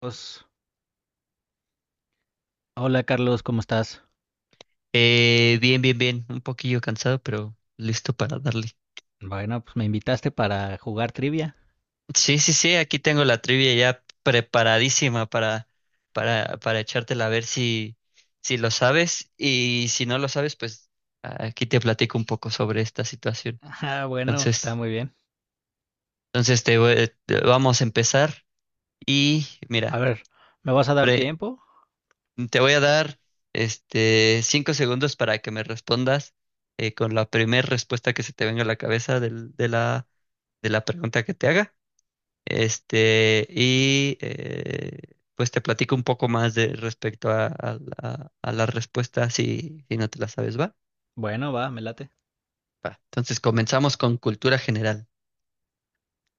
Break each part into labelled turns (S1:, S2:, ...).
S1: Pues, hola Carlos, ¿cómo estás?
S2: Bien, bien, bien. Un poquillo cansado, pero listo para darle.
S1: Bueno, pues me invitaste para jugar trivia.
S2: Sí, sí, sí. Aquí tengo la trivia ya preparadísima para, para echártela a ver si lo sabes. Y si no lo sabes, pues aquí te platico un poco sobre esta situación.
S1: Ah, bueno, está
S2: Entonces,
S1: muy bien.
S2: entonces, vamos a empezar. Y
S1: A
S2: mira,
S1: ver, ¿me vas a dar
S2: pre-
S1: tiempo?
S2: te voy a dar este 5 segundos para que me respondas con la primera respuesta que se te venga a la cabeza de la pregunta que te haga. Este, y pues te platico un poco más de respecto a la respuesta si no te la sabes, ¿va?
S1: Bueno, va, me late.
S2: Va. Entonces comenzamos con cultura general.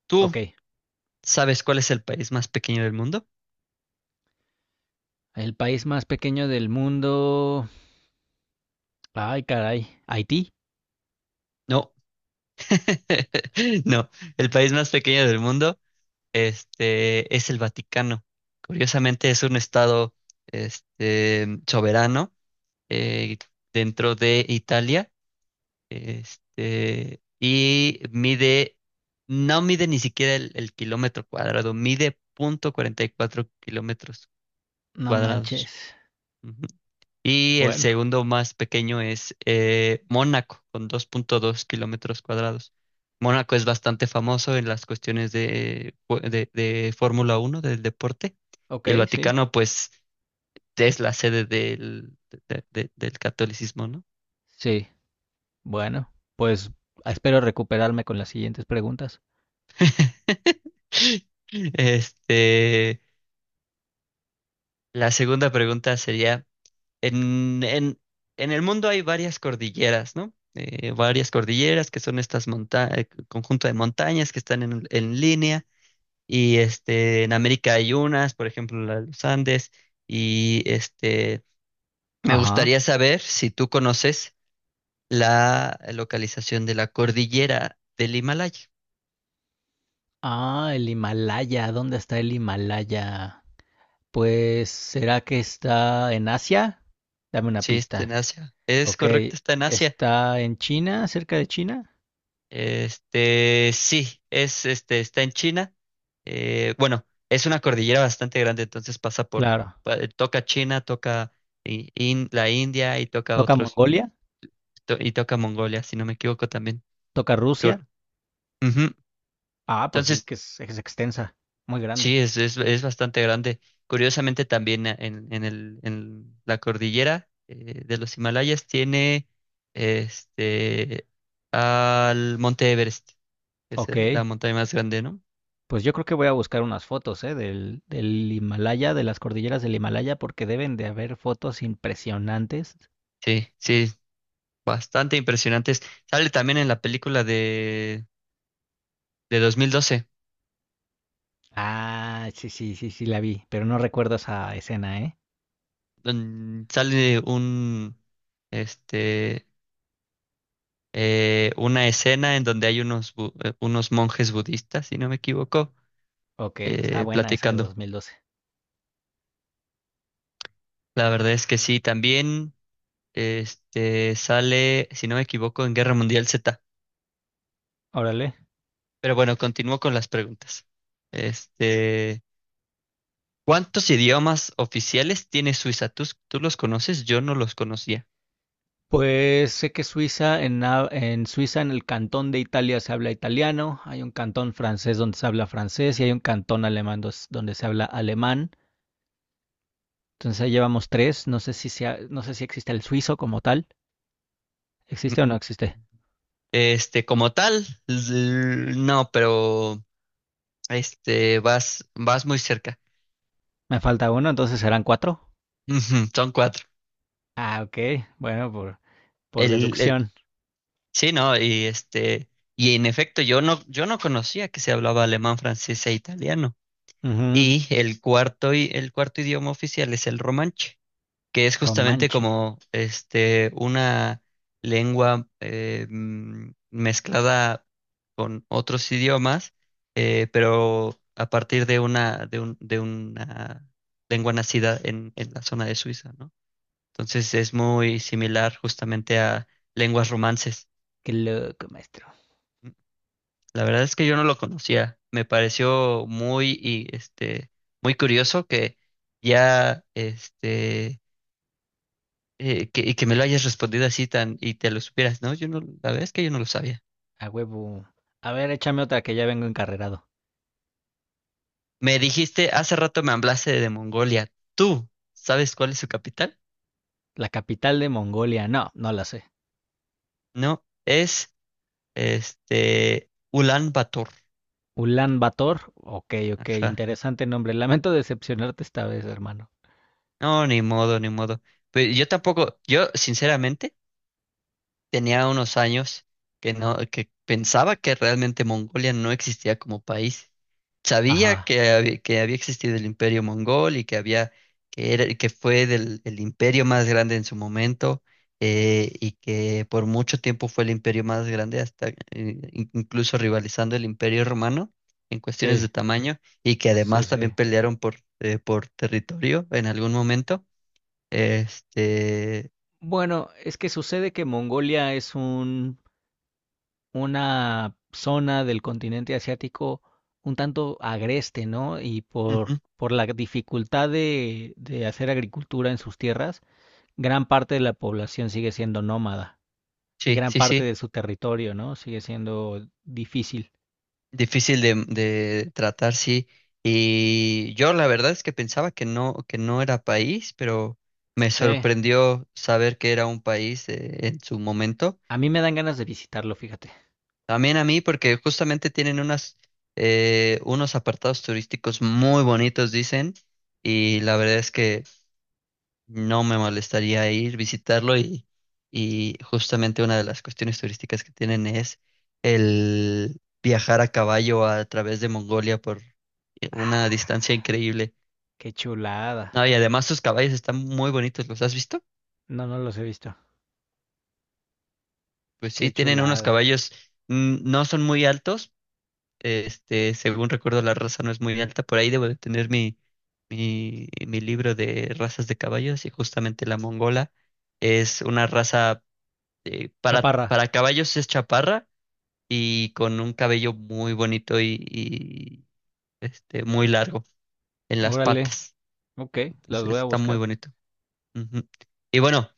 S2: ¿Tú
S1: Ok,
S2: sabes cuál es el país más pequeño del mundo?
S1: el país más pequeño del mundo. Ay, caray, Haití.
S2: No, no, el país más pequeño del mundo, este, es el Vaticano. Curiosamente es un estado, este, soberano eh, dentro de Italia. Este, y mide, no mide ni siquiera el kilómetro cuadrado, mide punto cuarenta y cuatro kilómetros
S1: No
S2: cuadrados.
S1: manches.
S2: Ujú. Y el
S1: Bueno,
S2: segundo más pequeño es Mónaco, con 2,2 kilómetros cuadrados. Mónaco es bastante famoso en las cuestiones de Fórmula Uno del deporte.
S1: ok,
S2: Y el
S1: sí.
S2: Vaticano, pues, es la sede del catolicismo, ¿no?
S1: Sí, bueno, pues espero recuperarme con las siguientes preguntas.
S2: Este, la segunda pregunta sería, en, en, en el mundo hay varias cordilleras, ¿no? Varias cordilleras que son estas monta conjunto de montañas que están en línea y este, en América hay unas, por ejemplo, la de los Andes y este, me
S1: Ajá.
S2: gustaría saber si tú conoces la localización de la cordillera del Himalaya.
S1: Ah, el Himalaya. ¿Dónde está el Himalaya? Pues, ¿será que está en Asia? Dame una
S2: Sí, está en
S1: pista.
S2: Asia. Es
S1: Ok,
S2: correcto, está en Asia.
S1: ¿está en China, cerca de China?
S2: Este, sí, este, está en China. Bueno, es una cordillera bastante grande, entonces pasa por,
S1: Claro.
S2: toca China, toca la India y toca
S1: ¿Toca
S2: otros,
S1: Mongolia?
S2: y toca Mongolia, si no me equivoco también.
S1: ¿Toca Rusia?
S2: Cor- Ujú.
S1: Ah, pues sí, es
S2: Entonces,
S1: que es extensa, muy grande.
S2: sí, es bastante grande. Curiosamente también en la cordillera de los Himalayas tiene este al Monte Everest, que es
S1: Ok,
S2: la montaña más grande, ¿no?
S1: pues yo creo que voy a buscar unas fotos, ¿eh? Del Himalaya, de las cordilleras del Himalaya, porque deben de haber fotos impresionantes.
S2: Sí, sí, bastante impresionantes. Sale también en la película de 2012
S1: Ah, sí, sí, sí, sí, la vi, pero no recuerdo esa escena, ¿eh?
S2: donde sale este, una escena en donde hay unos monjes budistas, si no me equivoco,
S1: Ok, está buena esa de
S2: platicando.
S1: 2012.
S2: La verdad es que sí, también este, sale, si no me equivoco, en Guerra Mundial Z.
S1: Órale.
S2: Pero bueno, continúo con las preguntas. Este, ¿cuántos idiomas oficiales tiene Suiza? ¿Tú los conoces? Yo no los conocía.
S1: Pues sé que Suiza, en Suiza, en el cantón de Italia se habla italiano, hay un cantón francés donde se habla francés y hay un cantón alemán donde se habla alemán. Entonces ahí llevamos tres. No sé si existe el suizo como tal. ¿Existe o no existe?
S2: Este, como tal, no, pero este, vas muy cerca.
S1: Me falta uno, entonces serán cuatro.
S2: Ujú. Son cuatro.
S1: Ah, ok. Bueno, por
S2: El, el,
S1: deducción.
S2: sí, no, y este, y en efecto, yo no conocía que se hablaba alemán, francés e italiano.
S1: Ujú.
S2: Y el cuarto idioma oficial es el romanche, que es justamente
S1: Romanche.
S2: como este una lengua mezclada con otros idiomas, pero a partir de una lengua nacida en la zona de Suiza, ¿no? Entonces es muy similar justamente a lenguas romances.
S1: Qué loco, maestro.
S2: Mm, La verdad es que yo no lo conocía. Me pareció muy curioso que ya este que, y que me lo hayas respondido así tan y te lo supieras, ¿no? Yo no, la verdad es que yo no lo sabía.
S1: A huevo. A ver, échame otra que ya vengo encarrerado.
S2: Me dijiste, hace rato me hablaste de Mongolia. ¿Tú sabes cuál es su capital?
S1: La capital de Mongolia. No, no la sé.
S2: No, es este Ulan Bator.
S1: Ulan Bator. Ok, ok,
S2: Ajá.
S1: interesante nombre. Lamento decepcionarte esta vez, hermano.
S2: No, ni modo, ni modo. Pero yo tampoco, yo sinceramente tenía unos años que no, que pensaba que realmente Mongolia no existía como país. Sabía
S1: Ajá,
S2: que había existido el Imperio Mongol y que había, que fue el imperio más grande en su momento, y que por mucho tiempo fue el imperio más grande, hasta incluso rivalizando el Imperio Romano en cuestiones
S1: sí,
S2: de tamaño, y que
S1: sí,
S2: además también
S1: sí.
S2: pelearon por territorio en algún momento. Este,
S1: Bueno, es que sucede que Mongolia es una zona del continente asiático un tanto agreste, ¿no? Y por,
S2: ujú.
S1: por la dificultad de hacer agricultura en sus tierras, gran parte de la población sigue siendo nómada y
S2: Sí,
S1: gran
S2: sí,
S1: parte
S2: sí.
S1: de su territorio, ¿no? Sigue siendo difícil.
S2: Difícil de tratar, sí. Y yo la verdad es que pensaba que no era país, pero me
S1: Sí.
S2: sorprendió saber que era un país en su momento.
S1: A mí me dan ganas de visitarlo, fíjate.
S2: También a mí, porque justamente tienen unos apartados turísticos muy bonitos, dicen, y la verdad es que no me molestaría ir, visitarlo y justamente una de las cuestiones turísticas que tienen es el viajar a caballo a través de Mongolia por una distancia increíble.
S1: Qué chulada.
S2: No, y además sus caballos están muy bonitos, ¿los has visto?
S1: No, no los he visto.
S2: Pues
S1: Qué
S2: sí, tienen unos
S1: chulada.
S2: caballos, no son muy altos, este, según recuerdo la raza no es muy alta, por ahí debo de tener mi libro de razas de caballos y justamente la mongola es una raza eh, para,
S1: Chaparra.
S2: para caballos es chaparra y con un cabello muy bonito y, este, muy largo en las
S1: Órale.
S2: patas.
S1: Ok, las
S2: Entonces
S1: voy a
S2: está muy
S1: buscar.
S2: bonito. Ujú. Y bueno,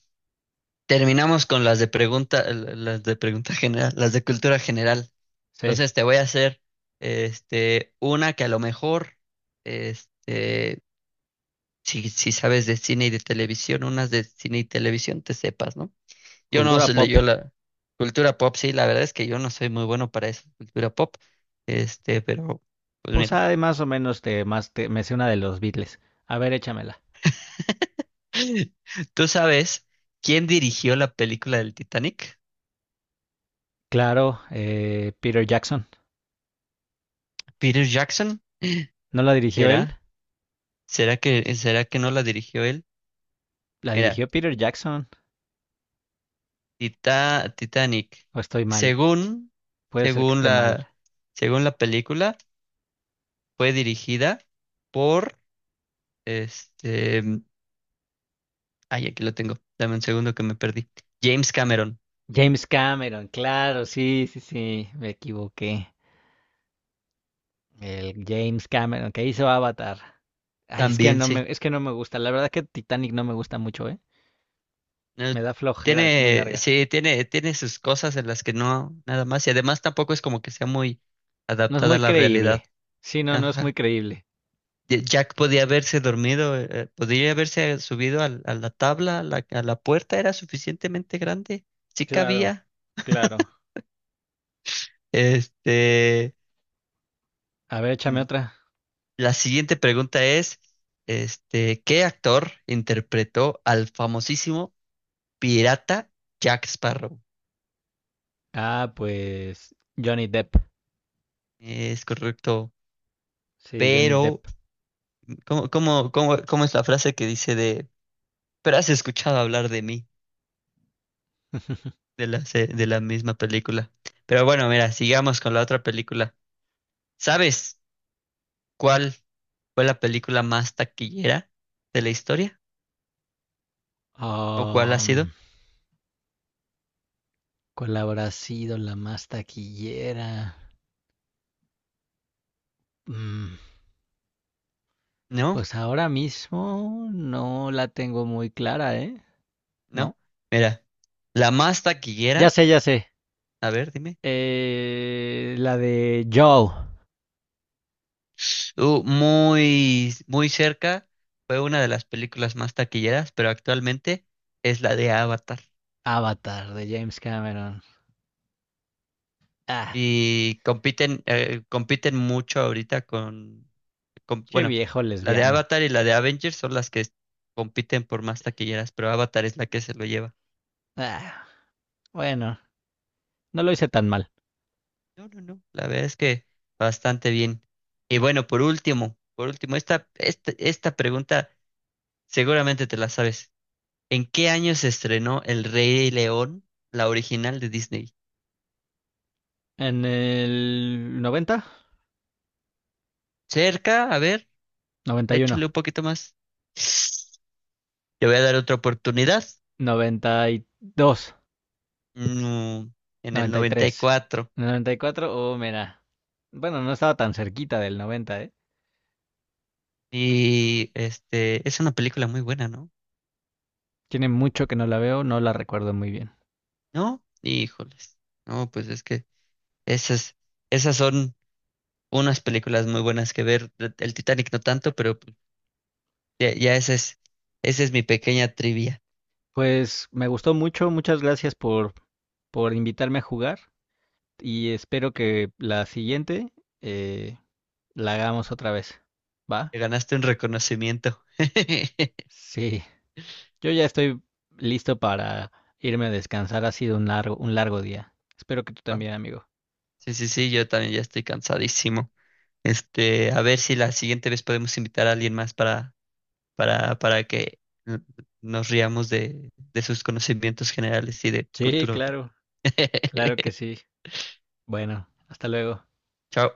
S2: terminamos con las de pregunta general, las de cultura general.
S1: Sí.
S2: Entonces te voy a hacer este, una que a lo mejor, este, si sabes de cine y de televisión, unas de cine y televisión te sepas, ¿no? Yo no
S1: Cultura
S2: sé,
S1: pop.
S2: yo la cultura pop, sí, la verdad es que yo no soy muy bueno para esa cultura pop. Este, pero, pues
S1: Pues
S2: mira.
S1: hay más o menos me sé una de los Beatles. A ver, échamela.
S2: ¿Tú sabes quién dirigió la película del Titanic?
S1: Claro, Peter Jackson.
S2: ¿Peter Jackson?
S1: ¿No la dirigió él?
S2: ¿Será? ¿Será que no la dirigió él?
S1: La
S2: Mira,
S1: dirigió Peter Jackson.
S2: Titanic.
S1: O estoy mal.
S2: Según,
S1: Puede ser que
S2: según
S1: esté mal.
S2: la, según la película, fue dirigida por este. Ay, aquí lo tengo. Dame un segundo que me perdí. James Cameron.
S1: James Cameron, claro, sí, sí, sí, me equivoqué. El James Cameron que hizo Avatar. Ay, es que
S2: También
S1: no
S2: sí.
S1: me, es que no me gusta. La verdad que Titanic no me gusta mucho, ¿eh? Me
S2: Eh,
S1: da flojera, es muy
S2: Tiene,
S1: larga.
S2: sí, tiene sus cosas en las que no, nada más. Y además tampoco es como que sea muy
S1: No es
S2: adaptada a
S1: muy
S2: la realidad.
S1: creíble. Sí, no, no es muy
S2: Ajá.
S1: creíble.
S2: Y Jack podía haberse dormido, podría haberse subido la tabla, a la puerta era suficientemente grande, sí
S1: Claro,
S2: cabía.
S1: claro.
S2: Este,
S1: A ver, échame
S2: mm,
S1: otra.
S2: la siguiente pregunta es, este, ¿qué actor interpretó al famosísimo pirata Jack Sparrow?
S1: Ah, pues Johnny Depp.
S2: Es correcto,
S1: Sí, Johnny
S2: pero
S1: Depp.
S2: ¿Cómo es la frase que dice de, pero has escuchado hablar de mí, de la misma película? Pero bueno, mira, sigamos con la otra película. ¿Sabes cuál fue la película más taquillera de la historia? ¿O cuál ha sido?
S1: Um, ¿Cuál habrá sido la más taquillera? Mm,
S2: No,
S1: pues ahora mismo no la tengo muy clara, ¿eh?
S2: no.
S1: No.
S2: Mira, la más
S1: Ya
S2: taquillera,
S1: sé, ya sé.
S2: a ver, dime.
S1: La de Joe,
S2: Muy, muy cerca, fue una de las películas más taquilleras, pero actualmente es la de Avatar.
S1: Avatar de James Cameron. Ah,
S2: Y compiten mucho ahorita
S1: qué
S2: bueno,
S1: viejo
S2: la de
S1: lesbiano.
S2: Avatar y la de Avengers son las que compiten por más taquilleras, pero Avatar es la que se lo lleva.
S1: Ah. Bueno, no lo hice tan mal.
S2: No, no, no, la verdad es que bastante bien. Y bueno, por último, esta pregunta seguramente te la sabes. ¿En qué año se estrenó El Rey León, la original de Disney?
S1: En el 90,
S2: Cerca, a ver,
S1: 91,
S2: échale un poquito más. Te voy a dar otra oportunidad.
S1: 92,
S2: No, en el noventa y
S1: 93,
S2: cuatro
S1: 94, oh, mira. Bueno, no estaba tan cerquita del 90, ¿eh?
S2: Y este, es una película muy buena, ¿no?
S1: Tiene mucho que no la veo, no la recuerdo muy bien.
S2: ¿No? Híjoles. No, pues es que esas, esas son unas películas muy buenas que ver. El Titanic no tanto, pero pues, ya, ya esa es mi pequeña trivia.
S1: Pues me gustó mucho, muchas gracias por invitarme a jugar y espero que la siguiente eh, la hagamos otra vez. ¿Va?
S2: Te ganaste un reconocimiento.
S1: Sí. Yo ya estoy listo para irme a descansar. Ha sido un largo día. Espero que tú
S2: Va.
S1: también, amigo.
S2: Sí, sí, sí, yo también ya estoy cansadísimo. Este, a ver si la siguiente vez podemos invitar a alguien más para, para que n- nos riamos de sus conocimientos generales y de
S1: Sí,
S2: cultura pop.
S1: claro, claro que sí. Bueno, hasta luego.
S2: Chao.